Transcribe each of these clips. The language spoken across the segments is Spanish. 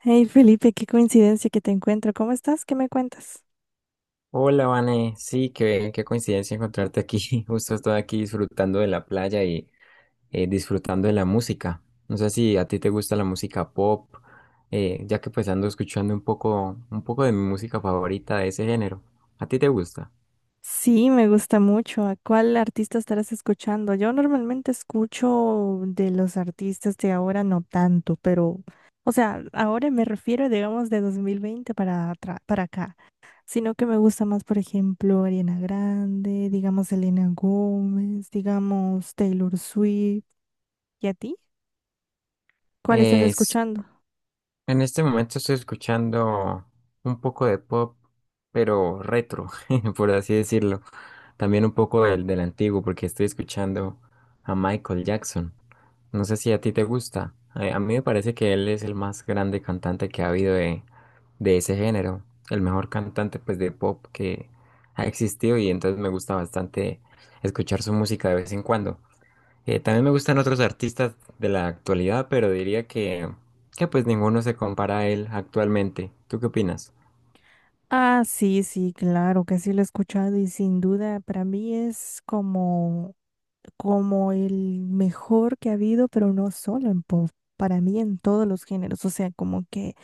Hey Felipe, qué coincidencia que te encuentro. ¿Cómo estás? ¿Qué me cuentas? Hola, Vane. Sí, qué coincidencia encontrarte aquí. Justo estoy aquí disfrutando de la playa y disfrutando de la música. No sé si a ti te gusta la música pop, ya que pues ando escuchando un poco de mi música favorita de ese género. ¿A ti te gusta? Sí, me gusta mucho. ¿A cuál artista estarás escuchando? Yo normalmente escucho de los artistas de ahora no tanto, pero, o sea, ahora me refiero, digamos, de 2020 para, para acá, sino que me gusta más, por ejemplo, Ariana Grande, digamos, Selena Gómez, digamos, Taylor Swift. ¿Y a ti? ¿Cuál estás Es, escuchando? en este momento estoy escuchando un poco de pop, pero retro, por así decirlo. También un poco del antiguo, porque estoy escuchando a Michael Jackson. No sé si a ti te gusta. A mí me parece que él es el más grande cantante que ha habido de ese género. El mejor cantante pues de pop que ha existido y entonces me gusta bastante escuchar su música de vez en cuando. También me gustan otros artistas de la actualidad, pero que pues ninguno se compara a él actualmente. ¿Tú qué opinas? Ah, sí, sí, claro que sí lo he escuchado y sin duda para mí es como, como el mejor que ha habido, pero no solo en pop, para mí en todos los géneros, o sea, como que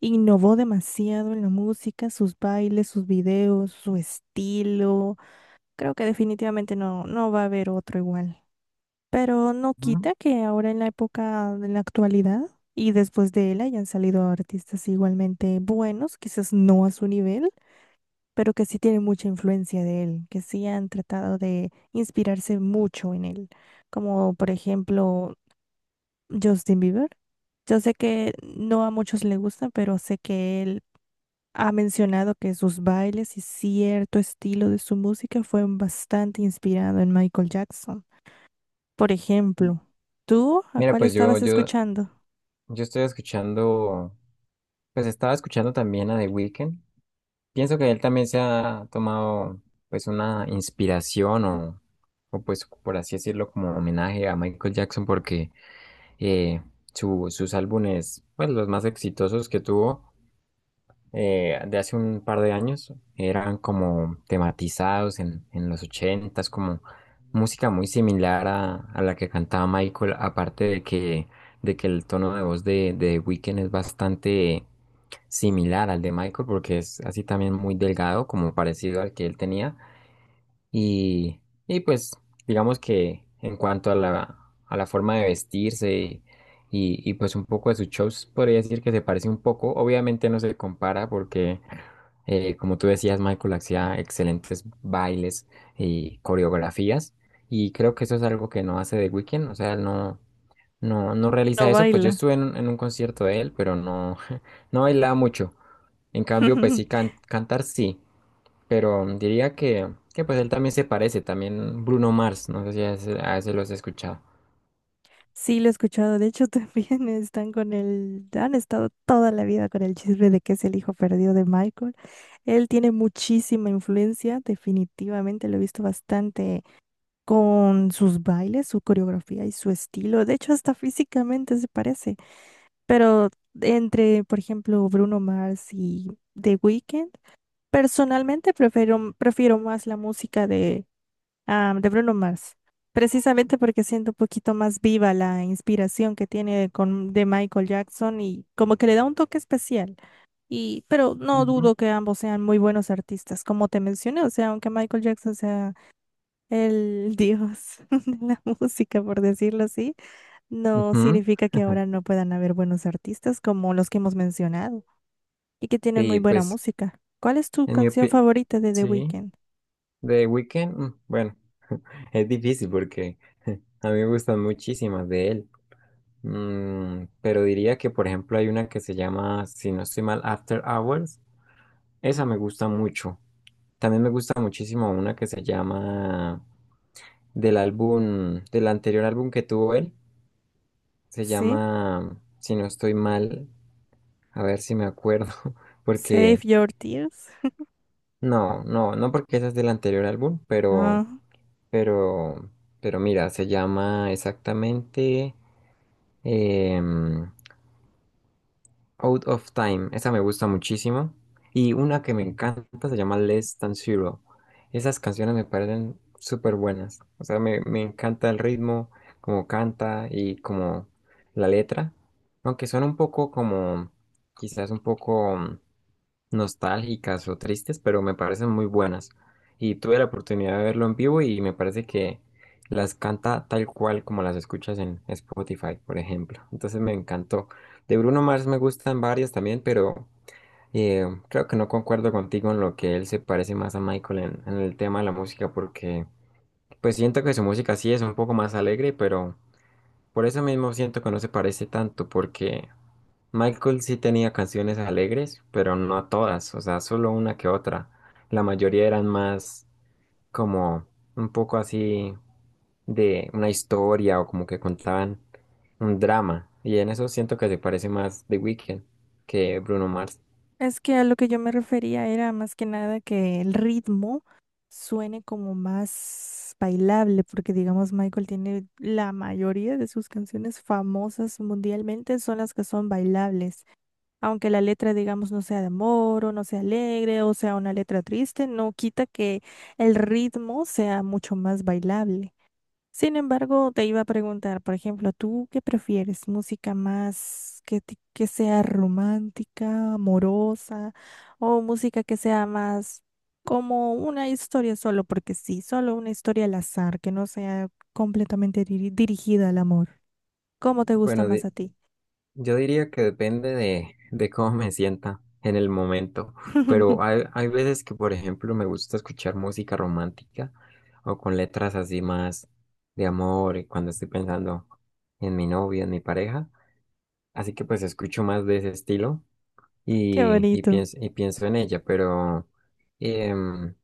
innovó demasiado en la música, sus bailes, sus videos, su estilo. Creo que definitivamente no va a haber otro igual. Pero no Ujú. quita que ahora en la época, en la actualidad, y después de él hayan salido artistas igualmente buenos, quizás no a su nivel, pero que sí tiene mucha influencia de él, que sí han tratado de inspirarse mucho en él, como por ejemplo Justin Bieber. Yo sé que no a muchos le gusta, pero sé que él ha mencionado que sus bailes y cierto estilo de su música fue bastante inspirado en Michael Jackson. Por ejemplo, ¿tú a Mira, cuál estabas escuchando? yo estoy escuchando, pues estaba escuchando también a The Weeknd. Pienso que él también se ha tomado pues una inspiración pues por así decirlo como homenaje a Michael Jackson porque eh, sus álbumes pues los más exitosos que tuvo de hace un par de años eran como tematizados en los ochentas como música muy similar a la que cantaba Michael, aparte de que el tono de voz de The Weeknd es bastante similar al de Michael porque es así también muy delgado, como parecido al que él tenía. Y, y pues digamos que en cuanto a a la forma de vestirse y, y pues un poco de sus shows, podría decir que se parece un poco. Obviamente no se compara porque, como tú decías, Michael hacía excelentes bailes y coreografías. Y creo que eso es algo que no hace The Weeknd, o sea, no realiza No eso. Pues yo baila. estuve en un concierto de él, pero no, no bailaba mucho. En cambio, pues sí, cantar sí, pero diría que pues él también se parece, también Bruno Mars, no sé si a ese, a ese lo has escuchado. Sí, lo he escuchado. De hecho, también están con el, han estado toda la vida con el chisme de que es el hijo perdido de Michael. Él tiene muchísima influencia, definitivamente lo he visto bastante con sus bailes, su coreografía y su estilo. De hecho, hasta físicamente se parece. Pero entre, por ejemplo, Bruno Mars y The Weeknd, personalmente prefiero más la música, ah, de Bruno Mars. Precisamente porque siento un poquito más viva la inspiración que tiene con, de Michael Jackson y como que le da un toque especial. Y, pero no Ujú. dudo que ambos sean muy buenos artistas, como te mencioné, o sea, aunque Michael Jackson sea el dios de la música, por decirlo así, no Ujú. significa que ahora no puedan haber buenos artistas como los que hemos mencionado y que tienen muy Sí, buena pues música. ¿Cuál es tu en mi canción opinión, favorita de The sí, Weeknd? The Weeknd, bueno, es difícil porque a mí me gustan muchísimas de él. Pero diría que por ejemplo hay una que se llama, si no estoy mal, After Hours, esa me gusta mucho. También me gusta muchísimo una que se llama del anterior álbum que tuvo él. Se ¿Sí? llama, si no estoy mal, a ver si me acuerdo, porque Save Your Tears. No, porque esa es del anterior álbum, pero, pero mira, se llama exactamente, em, Out of Time, esa me gusta muchísimo. Y una que me encanta se llama Less Than Zero. Esas canciones me parecen súper buenas. O sea, me encanta el ritmo, como canta y como la letra. Aunque son un poco como, quizás un poco nostálgicas o tristes, pero me parecen muy buenas. Y tuve la oportunidad de verlo en vivo y me parece que las canta tal cual como las escuchas en Spotify, por ejemplo. Entonces me encantó. De Bruno Mars me gustan varias también, pero creo que no concuerdo contigo en lo que él se parece más a Michael en el tema de la música, porque pues siento que su música sí es un poco más alegre, pero por eso mismo siento que no se parece tanto, porque Michael sí tenía canciones alegres, pero no todas, o sea, solo una que otra. La mayoría eran más como un poco así de una historia o como que contaban un drama. Y en eso siento que se parece más The Weeknd que Bruno Mars. Es que a lo que yo me refería era más que nada que el ritmo suene como más bailable, porque digamos Michael tiene la mayoría de sus canciones famosas mundialmente son las que son bailables. Aunque la letra digamos no sea de amor o no sea alegre o sea una letra triste, no quita que el ritmo sea mucho más bailable. Sin embargo, te iba a preguntar, por ejemplo, ¿tú qué prefieres? ¿Música más que sea romántica, amorosa, o música que sea más como una historia solo, porque sí, solo una historia al azar, que no sea completamente dirigida al amor? ¿Cómo te gusta Bueno, más a ti? yo diría que depende de cómo me sienta en el momento, pero hay veces que, por ejemplo, me gusta escuchar música romántica o con letras así más de amor y cuando estoy pensando en mi novia, en mi pareja, así que pues escucho más de ese estilo Qué bonito. Y pienso en ella, pero em,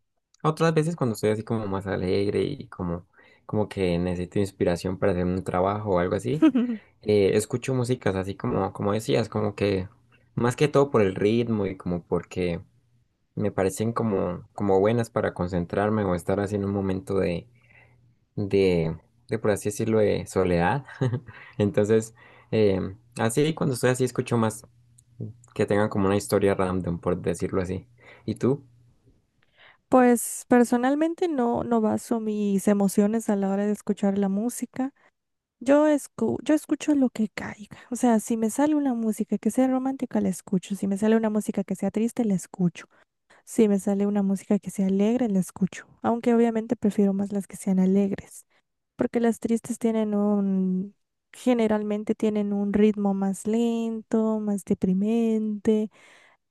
otras veces cuando estoy así como más alegre y como, como que necesito inspiración para hacer un trabajo o algo así, escucho músicas así como, como decías, como que más que todo por el ritmo y como porque me parecen como, como buenas para concentrarme o estar así en un momento de, de, por así decirlo, de soledad. Entonces, así cuando estoy así escucho más que tengan como una historia random, por decirlo así. ¿Y tú? Pues personalmente no baso mis emociones a la hora de escuchar la música. Yo escucho lo que caiga. O sea, si me sale una música que sea romántica, la escucho. Si me sale una música que sea triste, la escucho. Si me sale una música que sea alegre, la escucho. Aunque obviamente prefiero más las que sean alegres. Porque las tristes tienen un generalmente tienen un ritmo más lento, más deprimente.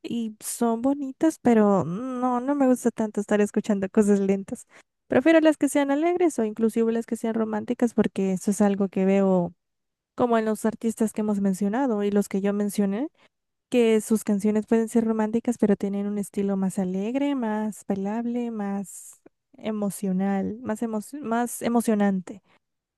Y son bonitas, pero no me gusta tanto estar escuchando cosas lentas. Prefiero las que sean alegres o inclusive las que sean románticas porque eso es algo que veo como en los artistas que hemos mencionado y los que yo mencioné, que sus canciones pueden ser románticas, pero tienen un estilo más alegre, más bailable, más emocional, más emocionante.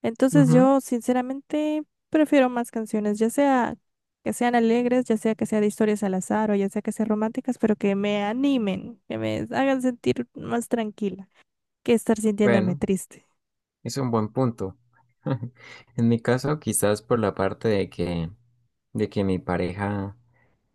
Entonces Ujú. yo sinceramente prefiero más canciones, ya sea que sean alegres, ya sea que sea de historias al azar o ya sea que sean románticas, pero que me animen, que me hagan sentir más tranquila que estar sintiéndome Bueno, triste. es un buen punto. En mi caso, quizás por la parte de de que mi pareja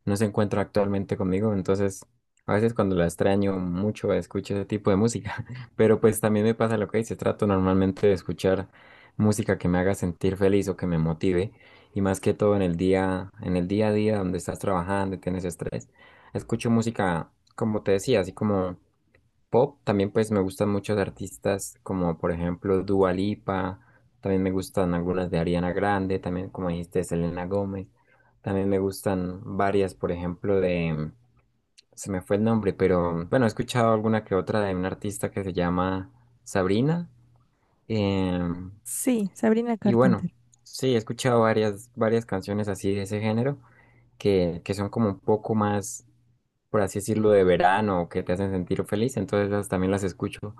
no se encuentra actualmente conmigo, entonces a veces cuando la extraño mucho escucho ese tipo de música, pero pues también me pasa lo que dice, trato normalmente de escuchar música que me haga sentir feliz o que me motive, y más que todo en el día a día donde estás trabajando y tienes estrés, escucho música, como te decía, así como pop. También pues me gustan muchos artistas como por ejemplo Dua Lipa, también me gustan algunas de Ariana Grande, también como dijiste Selena Gómez, también me gustan varias por ejemplo de, se me fue el nombre, pero bueno he escuchado alguna que otra de un artista que se llama Sabrina, em, Sí, Sabrina y bueno, Carpenter. sí, he escuchado varias canciones así de ese género que son como un poco más, por así decirlo, de verano, que te hacen sentir feliz, entonces esas también las escucho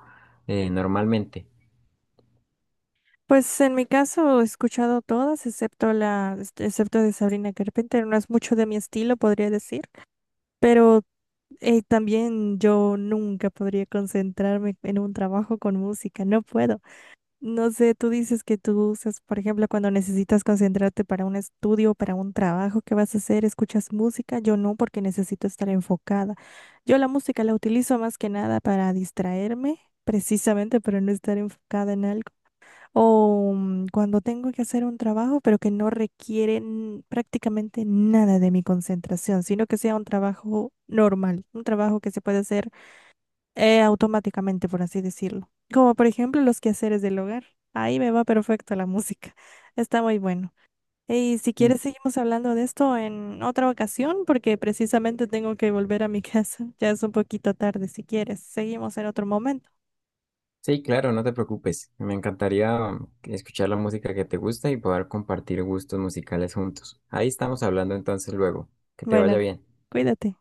normalmente. Pues en mi caso he escuchado todas, excepto la, este, excepto de Sabrina Carpenter, no es mucho de mi estilo, podría decir, pero también yo nunca podría concentrarme en un trabajo con música, no puedo. No sé, tú dices que tú usas, por ejemplo, cuando necesitas concentrarte para un estudio, para un trabajo que vas a hacer, escuchas música, yo no, porque necesito estar enfocada. Yo la música la utilizo más que nada para distraerme, precisamente para no estar enfocada en algo. O cuando tengo que hacer un trabajo, pero que no requiere prácticamente nada de mi concentración, sino que sea un trabajo normal, un trabajo que se puede hacer automáticamente, por así decirlo. Como por ejemplo los quehaceres del hogar. Ahí me va perfecto la música. Está muy bueno. Y si Mm, quieres, seguimos hablando de esto en otra ocasión, porque precisamente tengo que volver a mi casa. Ya es un poquito tarde. Si quieres, seguimos en otro momento. Sí, claro, no te preocupes. Me encantaría escuchar la música que te gusta y poder compartir gustos musicales juntos. Ahí estamos hablando entonces luego. Que te vaya Bueno, bien. cuídate.